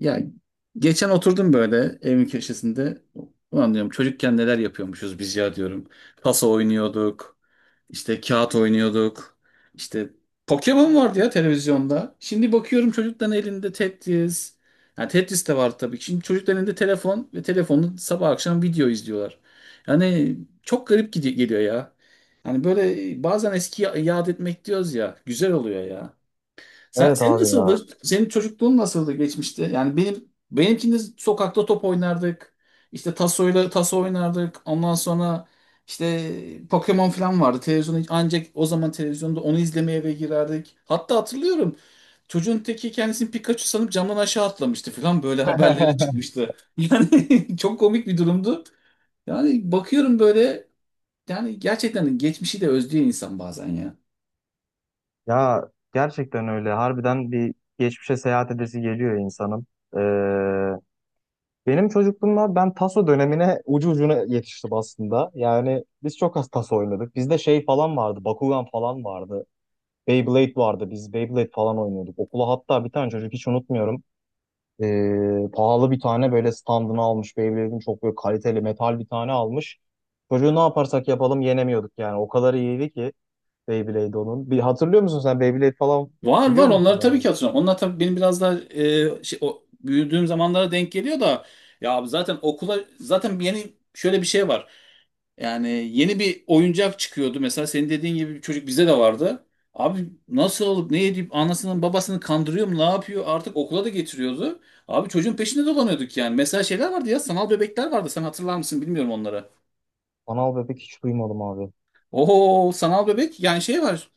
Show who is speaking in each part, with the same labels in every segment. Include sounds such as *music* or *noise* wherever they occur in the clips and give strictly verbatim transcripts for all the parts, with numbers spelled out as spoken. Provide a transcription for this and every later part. Speaker 1: Ya geçen oturdum böyle evin köşesinde. Ulan diyorum çocukken neler yapıyormuşuz biz ya diyorum. Paso oynuyorduk. İşte kağıt oynuyorduk. İşte Pokemon vardı ya televizyonda. Şimdi bakıyorum çocukların elinde Tetris. Yani Tetris de var tabii ki. Şimdi çocukların elinde telefon ve telefonla sabah akşam video izliyorlar. Yani çok garip gidi- geliyor ya. Yani böyle bazen eskiyi yad etmek diyoruz ya. Güzel oluyor ya. Sen,
Speaker 2: Evet
Speaker 1: senin
Speaker 2: abi ya.
Speaker 1: nasıldı? Senin çocukluğun nasıldı geçmişte? Yani benim benimkinde sokakta top oynardık. İşte tasoyla taso oynardık. Ondan sonra işte Pokemon falan vardı. Televizyonda ancak o zaman televizyonda onu izlemeye eve girerdik. Hatta hatırlıyorum. Çocuğun teki kendisini Pikachu sanıp camdan aşağı atlamıştı falan böyle haberlere
Speaker 2: *laughs*
Speaker 1: çıkmıştı. Yani *laughs* çok komik bir durumdu. Yani bakıyorum böyle, yani gerçekten geçmişi de özlüyor insan bazen ya.
Speaker 2: Ya gerçekten öyle. Harbiden bir geçmişe seyahat edesi geliyor insanın. Ee, Benim çocukluğumda ben taso dönemine ucu ucuna yetiştim aslında. Yani biz çok az taso oynadık. Bizde şey falan vardı. Bakugan falan vardı. Beyblade vardı. Biz Beyblade falan oynuyorduk. Okula hatta bir tane çocuk hiç unutmuyorum. Ee, pahalı bir tane böyle standını almış. Beyblade'in çok böyle kaliteli metal bir tane almış. Çocuğu ne yaparsak yapalım yenemiyorduk yani. O kadar iyiydi ki. Beyblade onun. Bir hatırlıyor musun sen Beyblade falan
Speaker 1: Var var,
Speaker 2: biliyor musun
Speaker 1: onları tabii
Speaker 2: abi?
Speaker 1: ki hatırlıyorum. Onlar tabii benim biraz daha e, şey, o, büyüdüğüm zamanlara denk geliyor da, ya abi zaten okula zaten yeni şöyle bir şey var. Yani yeni bir oyuncak çıkıyordu. Mesela senin dediğin gibi bir çocuk bize de vardı. Abi nasıl olup ne edip anasının babasını kandırıyor mu ne yapıyor artık, okula da getiriyordu. Abi çocuğun peşinde dolanıyorduk yani. Mesela şeyler vardı ya, sanal bebekler vardı. Sen hatırlar mısın bilmiyorum onları.
Speaker 2: Anal bebek hiç duymadım abi.
Speaker 1: Oo, sanal bebek, yani şey var.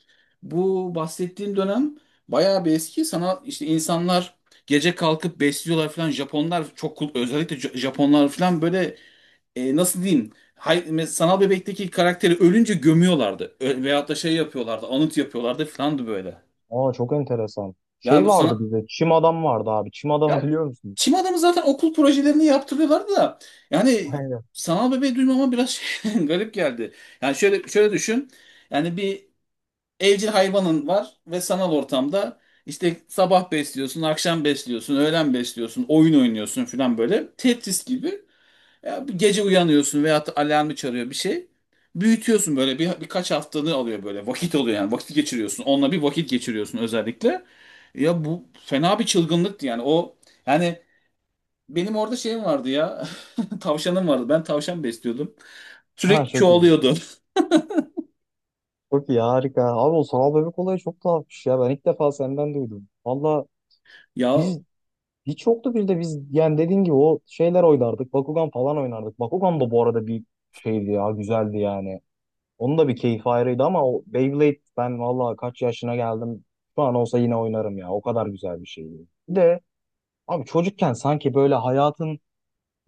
Speaker 1: Bu bahsettiğim dönem bayağı bir eski. Sanal işte, insanlar gece kalkıp besliyorlar falan. Japonlar çok kul- özellikle Ja- Japonlar falan böyle, e, nasıl diyeyim? Hay, mes- sanal bebekteki karakteri ölünce gömüyorlardı. Ö veyahut da şey yapıyorlardı, anıt yapıyorlardı falandı böyle.
Speaker 2: Aa çok enteresan.
Speaker 1: Yani
Speaker 2: Şey
Speaker 1: bu
Speaker 2: vardı
Speaker 1: sana,
Speaker 2: bizde. Çim adam vardı abi. Çim adamı
Speaker 1: ya
Speaker 2: biliyor musun?
Speaker 1: çim adamı zaten okul projelerini yaptırıyorlardı da,
Speaker 2: *laughs*
Speaker 1: yani
Speaker 2: Aynen.
Speaker 1: sanal bebeği duymama biraz *laughs* şey, garip geldi. Yani şöyle şöyle düşün. Yani bir evcil hayvanın var ve sanal ortamda işte sabah besliyorsun, akşam besliyorsun, öğlen besliyorsun, oyun oynuyorsun falan böyle. Tetris gibi. Ya bir gece uyanıyorsun veyahut da alarmı çalıyor bir şey. Büyütüyorsun böyle bir, birkaç haftanı alıyor böyle. Vakit oluyor, yani vakit geçiriyorsun. Onunla bir vakit geçiriyorsun özellikle. Ya bu fena bir çılgınlıktı yani, o, yani benim orada şeyim vardı ya, *laughs* tavşanım vardı, ben tavşan besliyordum,
Speaker 2: Ha
Speaker 1: sürekli
Speaker 2: çok iyi.
Speaker 1: çoğalıyordu.
Speaker 2: Çok iyi harika. Abi o sanal bebek olayı çok tuhafmış ya. Ben ilk defa senden duydum. Valla
Speaker 1: *laughs* Ya,
Speaker 2: biz hiç yoktu, bir de biz yani dediğin gibi o şeyler oynardık. Bakugan falan oynardık. Bakugan da bu arada bir şeydi ya, güzeldi yani. Onun da bir keyfi ayrıydı ama o Beyblade, ben vallahi kaç yaşına geldim. Şu an olsa yine oynarım ya. O kadar güzel bir şeydi. Bir de abi çocukken sanki böyle hayatın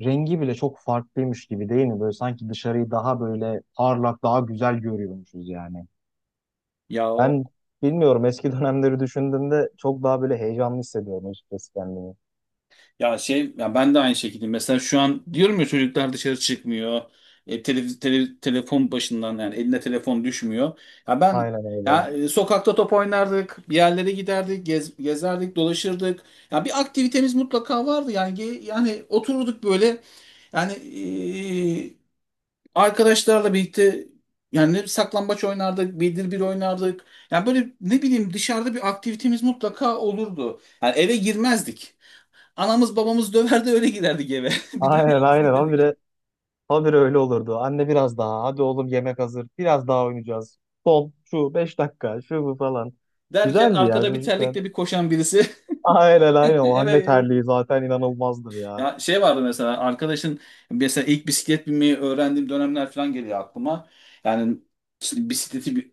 Speaker 2: rengi bile çok farklıymış gibi değil mi? Böyle sanki dışarıyı daha böyle parlak, daha güzel görüyormuşuz yani.
Speaker 1: ya.
Speaker 2: Ben bilmiyorum, eski *laughs* dönemleri düşündüğümde çok daha böyle heyecanlı hissediyordum açıkçası kendimi.
Speaker 1: Ya şey ya, ben de aynı şekilde, mesela şu an diyorum ya, çocuklar dışarı çıkmıyor. E, tele- tele- telefon başından, yani eline telefon düşmüyor. Ya ben
Speaker 2: Aynen
Speaker 1: ya
Speaker 2: öyle.
Speaker 1: e, sokakta top oynardık, bir yerlere giderdik, gez- gezerdik, dolaşırdık. Ya bir aktivitemiz mutlaka vardı. Yani ge- yani otururduk böyle, yani e, arkadaşlarla birlikte, yani ne saklambaç oynardık, bildir bir oynardık. Yani böyle, ne bileyim, dışarıda bir aktivitemiz mutlaka olurdu. Yani eve girmezdik. Anamız babamız döverdi öyle giderdik eve. *laughs* Bir daha
Speaker 2: Aynen
Speaker 1: yalnız
Speaker 2: aynen abi, bir
Speaker 1: giderdik.
Speaker 2: de habire öyle olurdu. Anne biraz daha. Hadi oğlum yemek hazır. Biraz daha oynayacağız. Son şu beş dakika şu bu falan.
Speaker 1: Derken
Speaker 2: Güzeldi ya
Speaker 1: arkada bir terlikle
Speaker 2: çocukken.
Speaker 1: bir koşan birisi. *laughs*
Speaker 2: Aynen aynen.
Speaker 1: Evet.
Speaker 2: O anne
Speaker 1: Evet.
Speaker 2: terliği zaten inanılmazdır ya.
Speaker 1: Ya şey vardı, mesela arkadaşın, mesela ilk bisiklet binmeyi öğrendiğim dönemler falan geliyor aklıma. Yani işte bisikleti bir-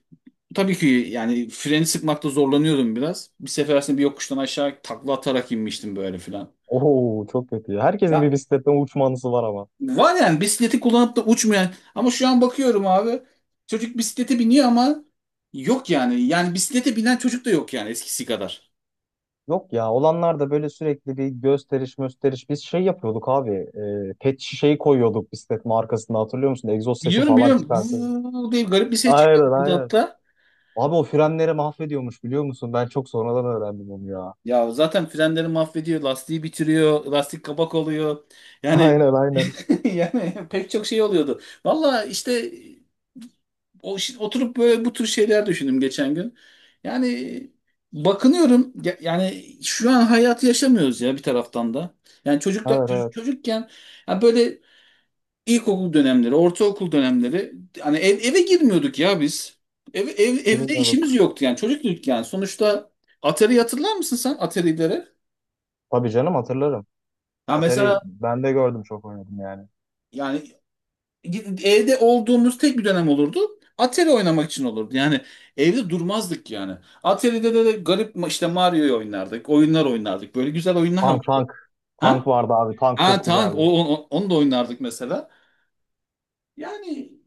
Speaker 1: tabii ki, yani freni sıkmakta zorlanıyordum biraz. Bir sefer aslında bir yokuştan aşağı takla atarak inmiştim böyle falan.
Speaker 2: Oo çok kötü ya. Herkesin bir
Speaker 1: Ya,
Speaker 2: bisikletten uçma anısı var ama.
Speaker 1: var yani bisikleti kullanıp da uçmayan, ama şu an bakıyorum abi, çocuk bisiklete biniyor ama yok, yani yani bisiklete binen çocuk da yok yani, eskisi kadar.
Speaker 2: Yok ya, olanlar da böyle sürekli bir gösteriş gösteriş. Biz şey yapıyorduk abi. E, pet şişeyi koyuyorduk bisikletin arkasında, hatırlıyor musun? Egzoz sesi
Speaker 1: Biliyorum,
Speaker 2: falan
Speaker 1: biliyorum,
Speaker 2: çıkarsın.
Speaker 1: bu diye garip bir ses
Speaker 2: Aynen
Speaker 1: çıkardı
Speaker 2: aynen.
Speaker 1: hatta.
Speaker 2: Abi o frenleri mahvediyormuş, biliyor musun? Ben çok sonradan öğrendim onu ya.
Speaker 1: Ya zaten frenleri mahvediyor, lastiği bitiriyor, lastik kabak oluyor. Yani
Speaker 2: Aynen aynen.
Speaker 1: *laughs* yani pek çok şey oluyordu. Valla işte, o şi- oturup böyle bu tür şeyler düşündüm geçen gün. Yani bakınıyorum ya- yani şu an hayatı yaşamıyoruz ya bir taraftan da. Yani çocukta
Speaker 2: Evet
Speaker 1: ço-
Speaker 2: evet,
Speaker 1: çocukken, ya böyle ilkokul dönemleri, ortaokul dönemleri, hani ev, eve girmiyorduk ya biz. Ev, ev, evde işimiz
Speaker 2: bilmiyorduk.
Speaker 1: yoktu yani, çocuktuk yani. Sonuçta Atari, hatırlar mısın sen Atari'lere?
Speaker 2: Tabii canım hatırlarım.
Speaker 1: Ya
Speaker 2: Atari
Speaker 1: mesela,
Speaker 2: ben de gördüm, çok oynadım yani.
Speaker 1: yani evde olduğumuz tek bir dönem olurdu. Atari oynamak için olurdu. Yani evde durmazdık yani. Atari'de de, de garip, ma- işte Mario'yu oynardık. Oyunlar oynardık. Böyle güzel oyunlar
Speaker 2: Tank
Speaker 1: vardı.
Speaker 2: tank.
Speaker 1: Ha?
Speaker 2: Tank vardı abi, tank
Speaker 1: Ha
Speaker 2: çok
Speaker 1: tamam,
Speaker 2: güzeldi.
Speaker 1: o, o- onu da oynardık mesela. Yani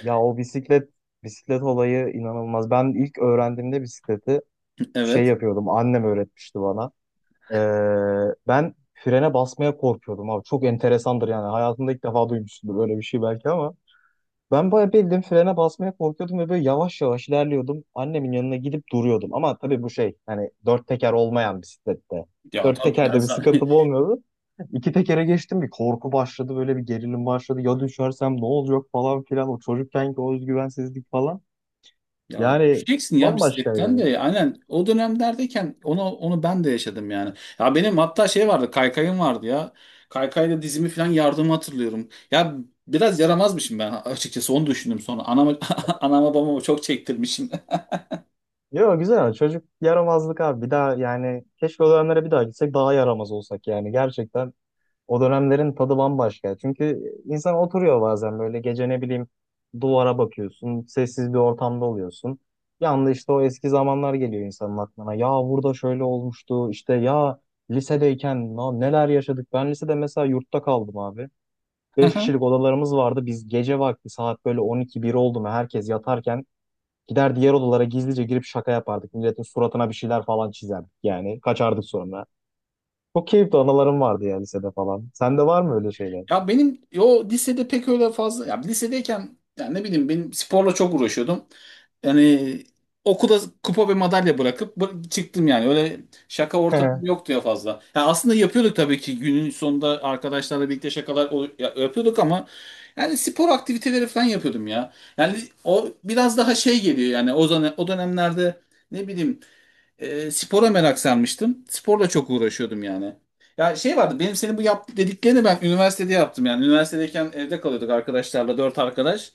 Speaker 2: Ya o bisiklet bisiklet olayı inanılmaz. Ben ilk öğrendiğimde bisikleti şey
Speaker 1: evet.
Speaker 2: yapıyordum, annem öğretmişti bana. Ee, ben frene basmaya korkuyordum abi. Çok enteresandır yani. Hayatımda ilk defa duymuşsundur böyle bir şey belki ama. Ben bayağı bildim frene basmaya korkuyordum ve böyle yavaş yavaş ilerliyordum. Annemin yanına gidip duruyordum. Ama tabii bu şey hani dört teker olmayan bisiklette.
Speaker 1: Ya
Speaker 2: Dört
Speaker 1: tabii ya,
Speaker 2: tekerde bir
Speaker 1: za-
Speaker 2: sıkıntım
Speaker 1: *laughs*
Speaker 2: olmuyordu. İki tekere geçtim bir korku başladı, böyle bir gerilim başladı. Ya düşersem ne olacak falan filan, o çocukkenki o özgüvensizlik falan.
Speaker 1: ya
Speaker 2: Yani
Speaker 1: düşeceksin ya bisikletten
Speaker 2: bambaşkaydı.
Speaker 1: de, aynen o dönemlerdeyken onu onu ben de yaşadım yani. Ya benim hatta şey vardı, kaykayım vardı ya. Kaykayla dizimi falan yardımı hatırlıyorum. Ya biraz yaramazmışım ben açıkçası, onu düşündüm sonra. Anama, *laughs* anama babama çok çektirmişim.
Speaker 2: Yo güzel ama çocuk yaramazlık abi, bir daha yani keşke o dönemlere bir daha gitsek, daha yaramaz olsak yani, gerçekten o dönemlerin tadı bambaşka. Çünkü insan oturuyor bazen böyle gece, ne bileyim, duvara bakıyorsun. Sessiz bir ortamda oluyorsun. Bir anda işte o eski zamanlar geliyor insanın aklına. Ya burada şöyle olmuştu, işte ya lisedeyken na- neler yaşadık. Ben lisede mesela yurtta kaldım abi. Beş
Speaker 1: *laughs*
Speaker 2: kişilik odalarımız vardı. Biz gece vakti saat böyle on iki bir oldu mu herkes yatarken gider diğer odalara gizlice girip şaka yapardık. Milletin suratına bir şeyler falan çizerdik yani. Kaçardık sonra. Çok keyifli anılarım vardı ya lisede falan. Sende var mı öyle şeyler?
Speaker 1: Ya benim o lisede pek öyle fazla, ya lisedeyken, yani ne bileyim, benim sporla çok uğraşıyordum. Yani okula kupa ve madalya bırakıp bı- çıktım yani. Öyle şaka ortamım
Speaker 2: *laughs*
Speaker 1: yoktu ya fazla. Ya aslında yapıyorduk tabii ki, günün sonunda arkadaşlarla birlikte şakalar ol- ya- yapıyorduk ama, yani spor aktiviteleri falan yapıyordum ya. Yani o biraz daha şey geliyor, yani o zaman, o dönemlerde, ne bileyim, e, spora merak sarmıştım. Sporla çok uğraşıyordum yani. Ya şey vardı, benim senin bu yap dediklerini ben üniversitede yaptım yani. Üniversitedeyken evde kalıyorduk arkadaşlarla, dört arkadaş.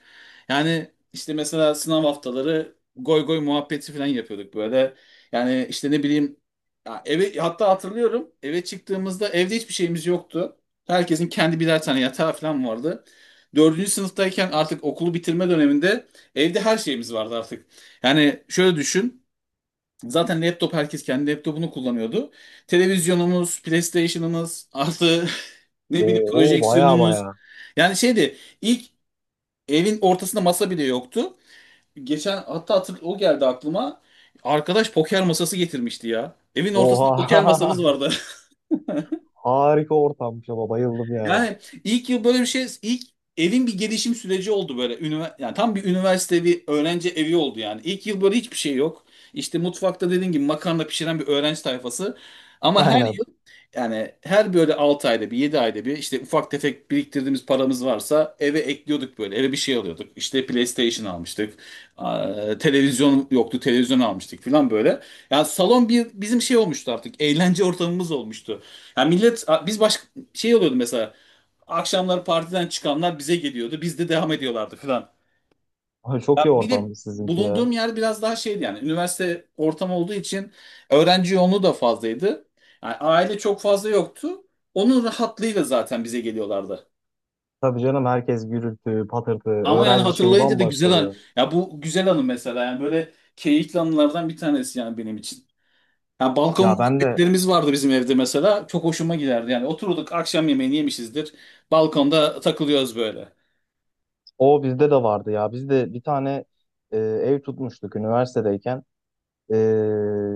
Speaker 1: Yani işte mesela sınav haftaları goy goy muhabbeti falan yapıyorduk böyle. Yani işte, ne bileyim, ya eve, hatta hatırlıyorum, eve çıktığımızda evde hiçbir şeyimiz yoktu. Herkesin kendi birer tane yatağı falan vardı. Dördüncü sınıftayken, artık okulu bitirme döneminde, evde her şeyimiz vardı artık. Yani şöyle düşün. Zaten laptop, herkes kendi laptopunu kullanıyordu. Televizyonumuz, PlayStation'ımız, artı *laughs* ne bileyim
Speaker 2: Oo baya
Speaker 1: projeksiyonumuz.
Speaker 2: baya.
Speaker 1: Yani şeydi ilk, evin ortasında masa bile yoktu. Geçen hatta hatır, o geldi aklıma. Arkadaş poker masası getirmişti ya. Evin ortasında poker
Speaker 2: Oha.
Speaker 1: masamız vardı. *laughs*
Speaker 2: *laughs* Harika ortammış, ama bayıldım yani.
Speaker 1: Yani ilk yıl böyle bir şey, ilk evin bir gelişim süreci oldu böyle. Ünivers yani tam bir üniversite evi, öğrenci evi oldu yani. İlk yıl böyle hiçbir şey yok. İşte mutfakta dediğin gibi makarna pişiren bir öğrenci tayfası. Ama her
Speaker 2: Aynen.
Speaker 1: Yani her böyle altı ayda bir, yedi ayda bir, işte ufak tefek biriktirdiğimiz paramız varsa eve ekliyorduk böyle, eve bir şey alıyorduk. İşte PlayStation almıştık. Aa, televizyon yoktu, televizyon almıştık falan böyle. Yani salon bir bizim şey olmuştu artık, eğlence ortamımız olmuştu. Yani millet biz başka, şey oluyordu mesela, akşamlar partiden çıkanlar bize geliyordu, biz de devam ediyorlardı falan.
Speaker 2: Ay,
Speaker 1: Ya
Speaker 2: çok iyi
Speaker 1: bir de
Speaker 2: ortam sizinki ya.
Speaker 1: bulunduğum yer biraz daha şeydi, yani üniversite ortamı olduğu için öğrenci yoğunluğu da fazlaydı. Yani aile çok fazla yoktu. Onun rahatlığıyla zaten bize geliyorlardı.
Speaker 2: Tabii canım, herkes gürültü, patırtı,
Speaker 1: Ama yani
Speaker 2: öğrenci şeyi
Speaker 1: hatırlayınca da
Speaker 2: bambaşka
Speaker 1: güzel an
Speaker 2: oluyor.
Speaker 1: ya, bu güzel anı mesela, yani böyle keyifli anılardan bir tanesi yani benim için. Ya balkon
Speaker 2: Ya ben de
Speaker 1: muhabbetlerimiz vardı bizim evde mesela. Çok hoşuma giderdi. Yani oturduk akşam yemeğini yemişizdir. Balkonda takılıyoruz böyle.
Speaker 2: o bizde de vardı ya. Biz de bir tane e, ev tutmuştuk üniversitedeyken. E,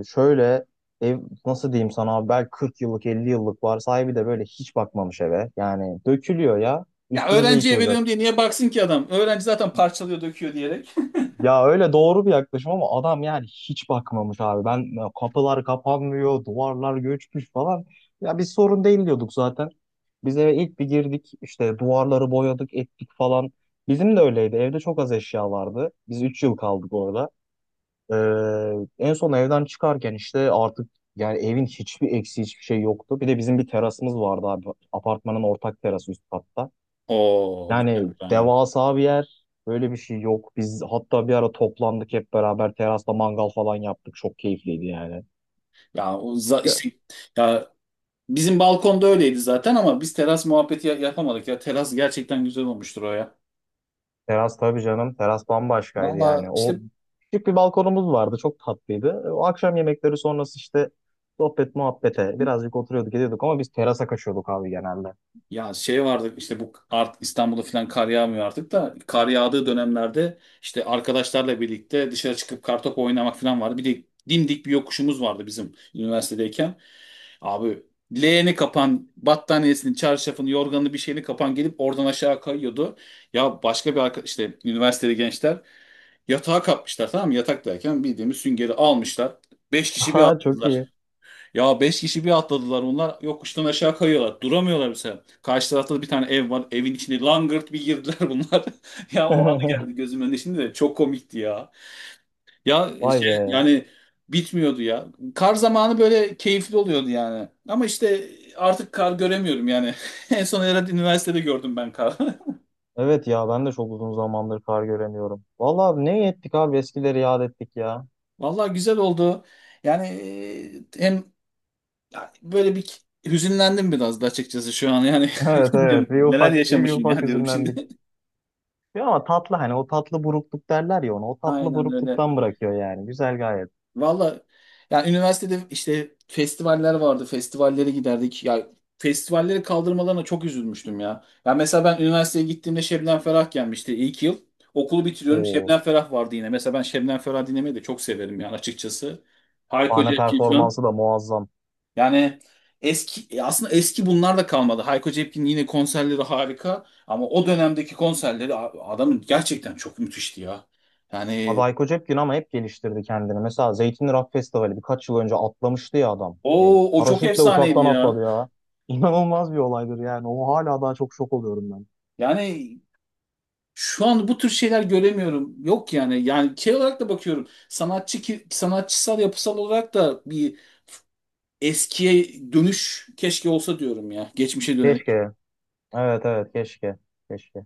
Speaker 2: Şöyle ev nasıl diyeyim sana abi, belki kırk yıllık elli yıllık var. Sahibi de böyle hiç bakmamış eve. Yani dökülüyor ya.
Speaker 1: Ya
Speaker 2: Üstümüze
Speaker 1: öğrenciye veriyorum
Speaker 2: yıkılacak.
Speaker 1: diye niye baksın ki adam? Öğrenci zaten parçalıyor, döküyor diyerek.
Speaker 2: Ya öyle, doğru bir yaklaşım ama adam yani hiç bakmamış abi. Ben kapılar kapanmıyor, duvarlar göçmüş falan. Ya biz sorun değil diyorduk zaten. Biz eve ilk bir girdik işte, duvarları boyadık, ettik falan. Bizim de öyleydi. Evde çok az eşya vardı. Biz üç yıl kaldık orada. Ee, En son evden çıkarken işte artık, yani evin hiçbir eksiği, hiçbir şey yoktu. Bir de bizim bir terasımız vardı abi. Apartmanın ortak terası, üst katta.
Speaker 1: *laughs* Oo,
Speaker 2: Yani
Speaker 1: güzel.
Speaker 2: devasa bir yer. Böyle bir şey yok. Biz hatta bir ara toplandık hep beraber terasta mangal falan yaptık. Çok keyifliydi yani.
Speaker 1: Ya o za-
Speaker 2: Ya,
Speaker 1: işte, ya bizim balkonda öyleydi zaten, ama biz teras muhabbeti ya- yapamadık ya. Teras gerçekten güzel olmuştur o ya.
Speaker 2: teras tabii canım. Teras bambaşkaydı
Speaker 1: Valla
Speaker 2: yani. O
Speaker 1: işte,
Speaker 2: küçük bir balkonumuz vardı. Çok tatlıydı. E, O akşam yemekleri sonrası işte sohbet muhabbete birazcık oturuyorduk, ediyorduk ama biz terasa kaçıyorduk abi, genelde.
Speaker 1: ya şey vardı işte bu art İstanbul'da falan kar yağmıyor artık da, kar yağdığı dönemlerde işte arkadaşlarla birlikte dışarı çıkıp kartopu oynamak falan vardı. Bir de dimdik bir yokuşumuz vardı bizim üniversitedeyken. Abi leğeni kapan, battaniyesini, çarşafını, yorganını bir şeyini kapan, gelip oradan aşağı kayıyordu. Ya başka bir arkadaş, işte üniversitede gençler, yatağa kapmışlar tamam mı? Yatak derken bildiğimiz süngeri almışlar. Beş
Speaker 2: *laughs*
Speaker 1: kişi bir
Speaker 2: Ha çok
Speaker 1: atladılar.
Speaker 2: iyi.
Speaker 1: Ya beş kişi bir atladılar onlar. Yokuştan aşağı kayıyorlar. Duramıyorlar mesela. Karşı tarafta da bir tane ev var. Evin içine langırt bir girdiler *laughs* bunlar. Ya o anı
Speaker 2: *laughs*
Speaker 1: geldi gözümün önüne şimdi de, çok komikti ya. Ya
Speaker 2: Vay
Speaker 1: şey
Speaker 2: be.
Speaker 1: yani, bitmiyordu ya. Kar zamanı böyle keyifli oluyordu yani. Ama işte artık kar göremiyorum yani. *laughs* En son herhalde üniversitede gördüm ben kar.
Speaker 2: Evet ya, ben de çok uzun zamandır kar göremiyorum. Vallahi ne ettik abi, eskileri yad ettik ya.
Speaker 1: *laughs* Vallahi güzel oldu. Yani, e, hem ya böyle bir hüzünlendim biraz da açıkçası şu an yani.
Speaker 2: Evet
Speaker 1: *laughs* Diyorum,
Speaker 2: evet, bir
Speaker 1: neler
Speaker 2: ufak bir
Speaker 1: yaşamışım
Speaker 2: ufak
Speaker 1: ya diyorum
Speaker 2: üzümden.
Speaker 1: şimdi.
Speaker 2: Ya ama tatlı, hani o tatlı burukluk derler ya ona. O
Speaker 1: *laughs*
Speaker 2: tatlı
Speaker 1: Aynen öyle.
Speaker 2: burukluktan bırakıyor yani. Güzel gayet.
Speaker 1: Valla, yani üniversitede işte festivaller vardı. Festivallere giderdik. Ya festivalleri kaldırmalarına çok üzülmüştüm ya. Ya mesela ben üniversiteye gittiğimde Şebnem Ferah gelmişti ilk yıl. Okulu bitiriyorum,
Speaker 2: O
Speaker 1: Şebnem Ferah vardı yine. Mesela ben Şebnem Ferah dinlemeyi de çok severim yani açıkçası. Hayko
Speaker 2: sahne
Speaker 1: Cepkin
Speaker 2: performansı
Speaker 1: falan.
Speaker 2: da muazzam.
Speaker 1: Yani eski, e, aslında eski bunlar da kalmadı. Hayko Cepkin'in yine konserleri harika, ama o dönemdeki konserleri a- adamın gerçekten çok müthişti ya.
Speaker 2: Abi
Speaker 1: Yani
Speaker 2: Hayko Cepkin ama hep geliştirdi kendini. Mesela Zeytinli Rock Festivali birkaç yıl önce atlamıştı ya adam. Hani
Speaker 1: o o çok
Speaker 2: paraşütle
Speaker 1: efsaneydi
Speaker 2: uçaktan
Speaker 1: ya.
Speaker 2: atladı ya. *laughs* İnanılmaz bir olaydır yani. O hala daha çok şok oluyorum ben.
Speaker 1: Yani şu an bu tür şeyler göremiyorum. Yok yani. Yani şey olarak da bakıyorum. Sanatçı ki, sanatçısal yapısal olarak da bir eskiye dönüş keşke olsa diyorum ya. Geçmişe dönelim.
Speaker 2: Keşke. Evet evet keşke. Keşke.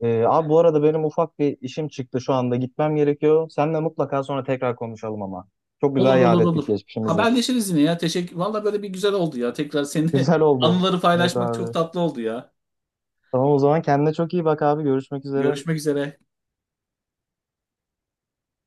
Speaker 2: Ee, abi bu arada benim ufak bir işim çıktı şu anda. Gitmem gerekiyor. Seninle mutlaka sonra tekrar konuşalım ama. Çok
Speaker 1: Olur,
Speaker 2: güzel yad
Speaker 1: olur,
Speaker 2: ettik
Speaker 1: olur.
Speaker 2: geçmişimizi.
Speaker 1: Haberleşiriz yine ya. Teşekkür. Valla böyle bir güzel oldu ya. Tekrar seninle
Speaker 2: Güzel
Speaker 1: *laughs*
Speaker 2: oldu.
Speaker 1: anıları
Speaker 2: Evet
Speaker 1: paylaşmak çok
Speaker 2: abi.
Speaker 1: tatlı oldu ya.
Speaker 2: Tamam, o zaman kendine çok iyi bak abi. Görüşmek üzere.
Speaker 1: Görüşmek üzere.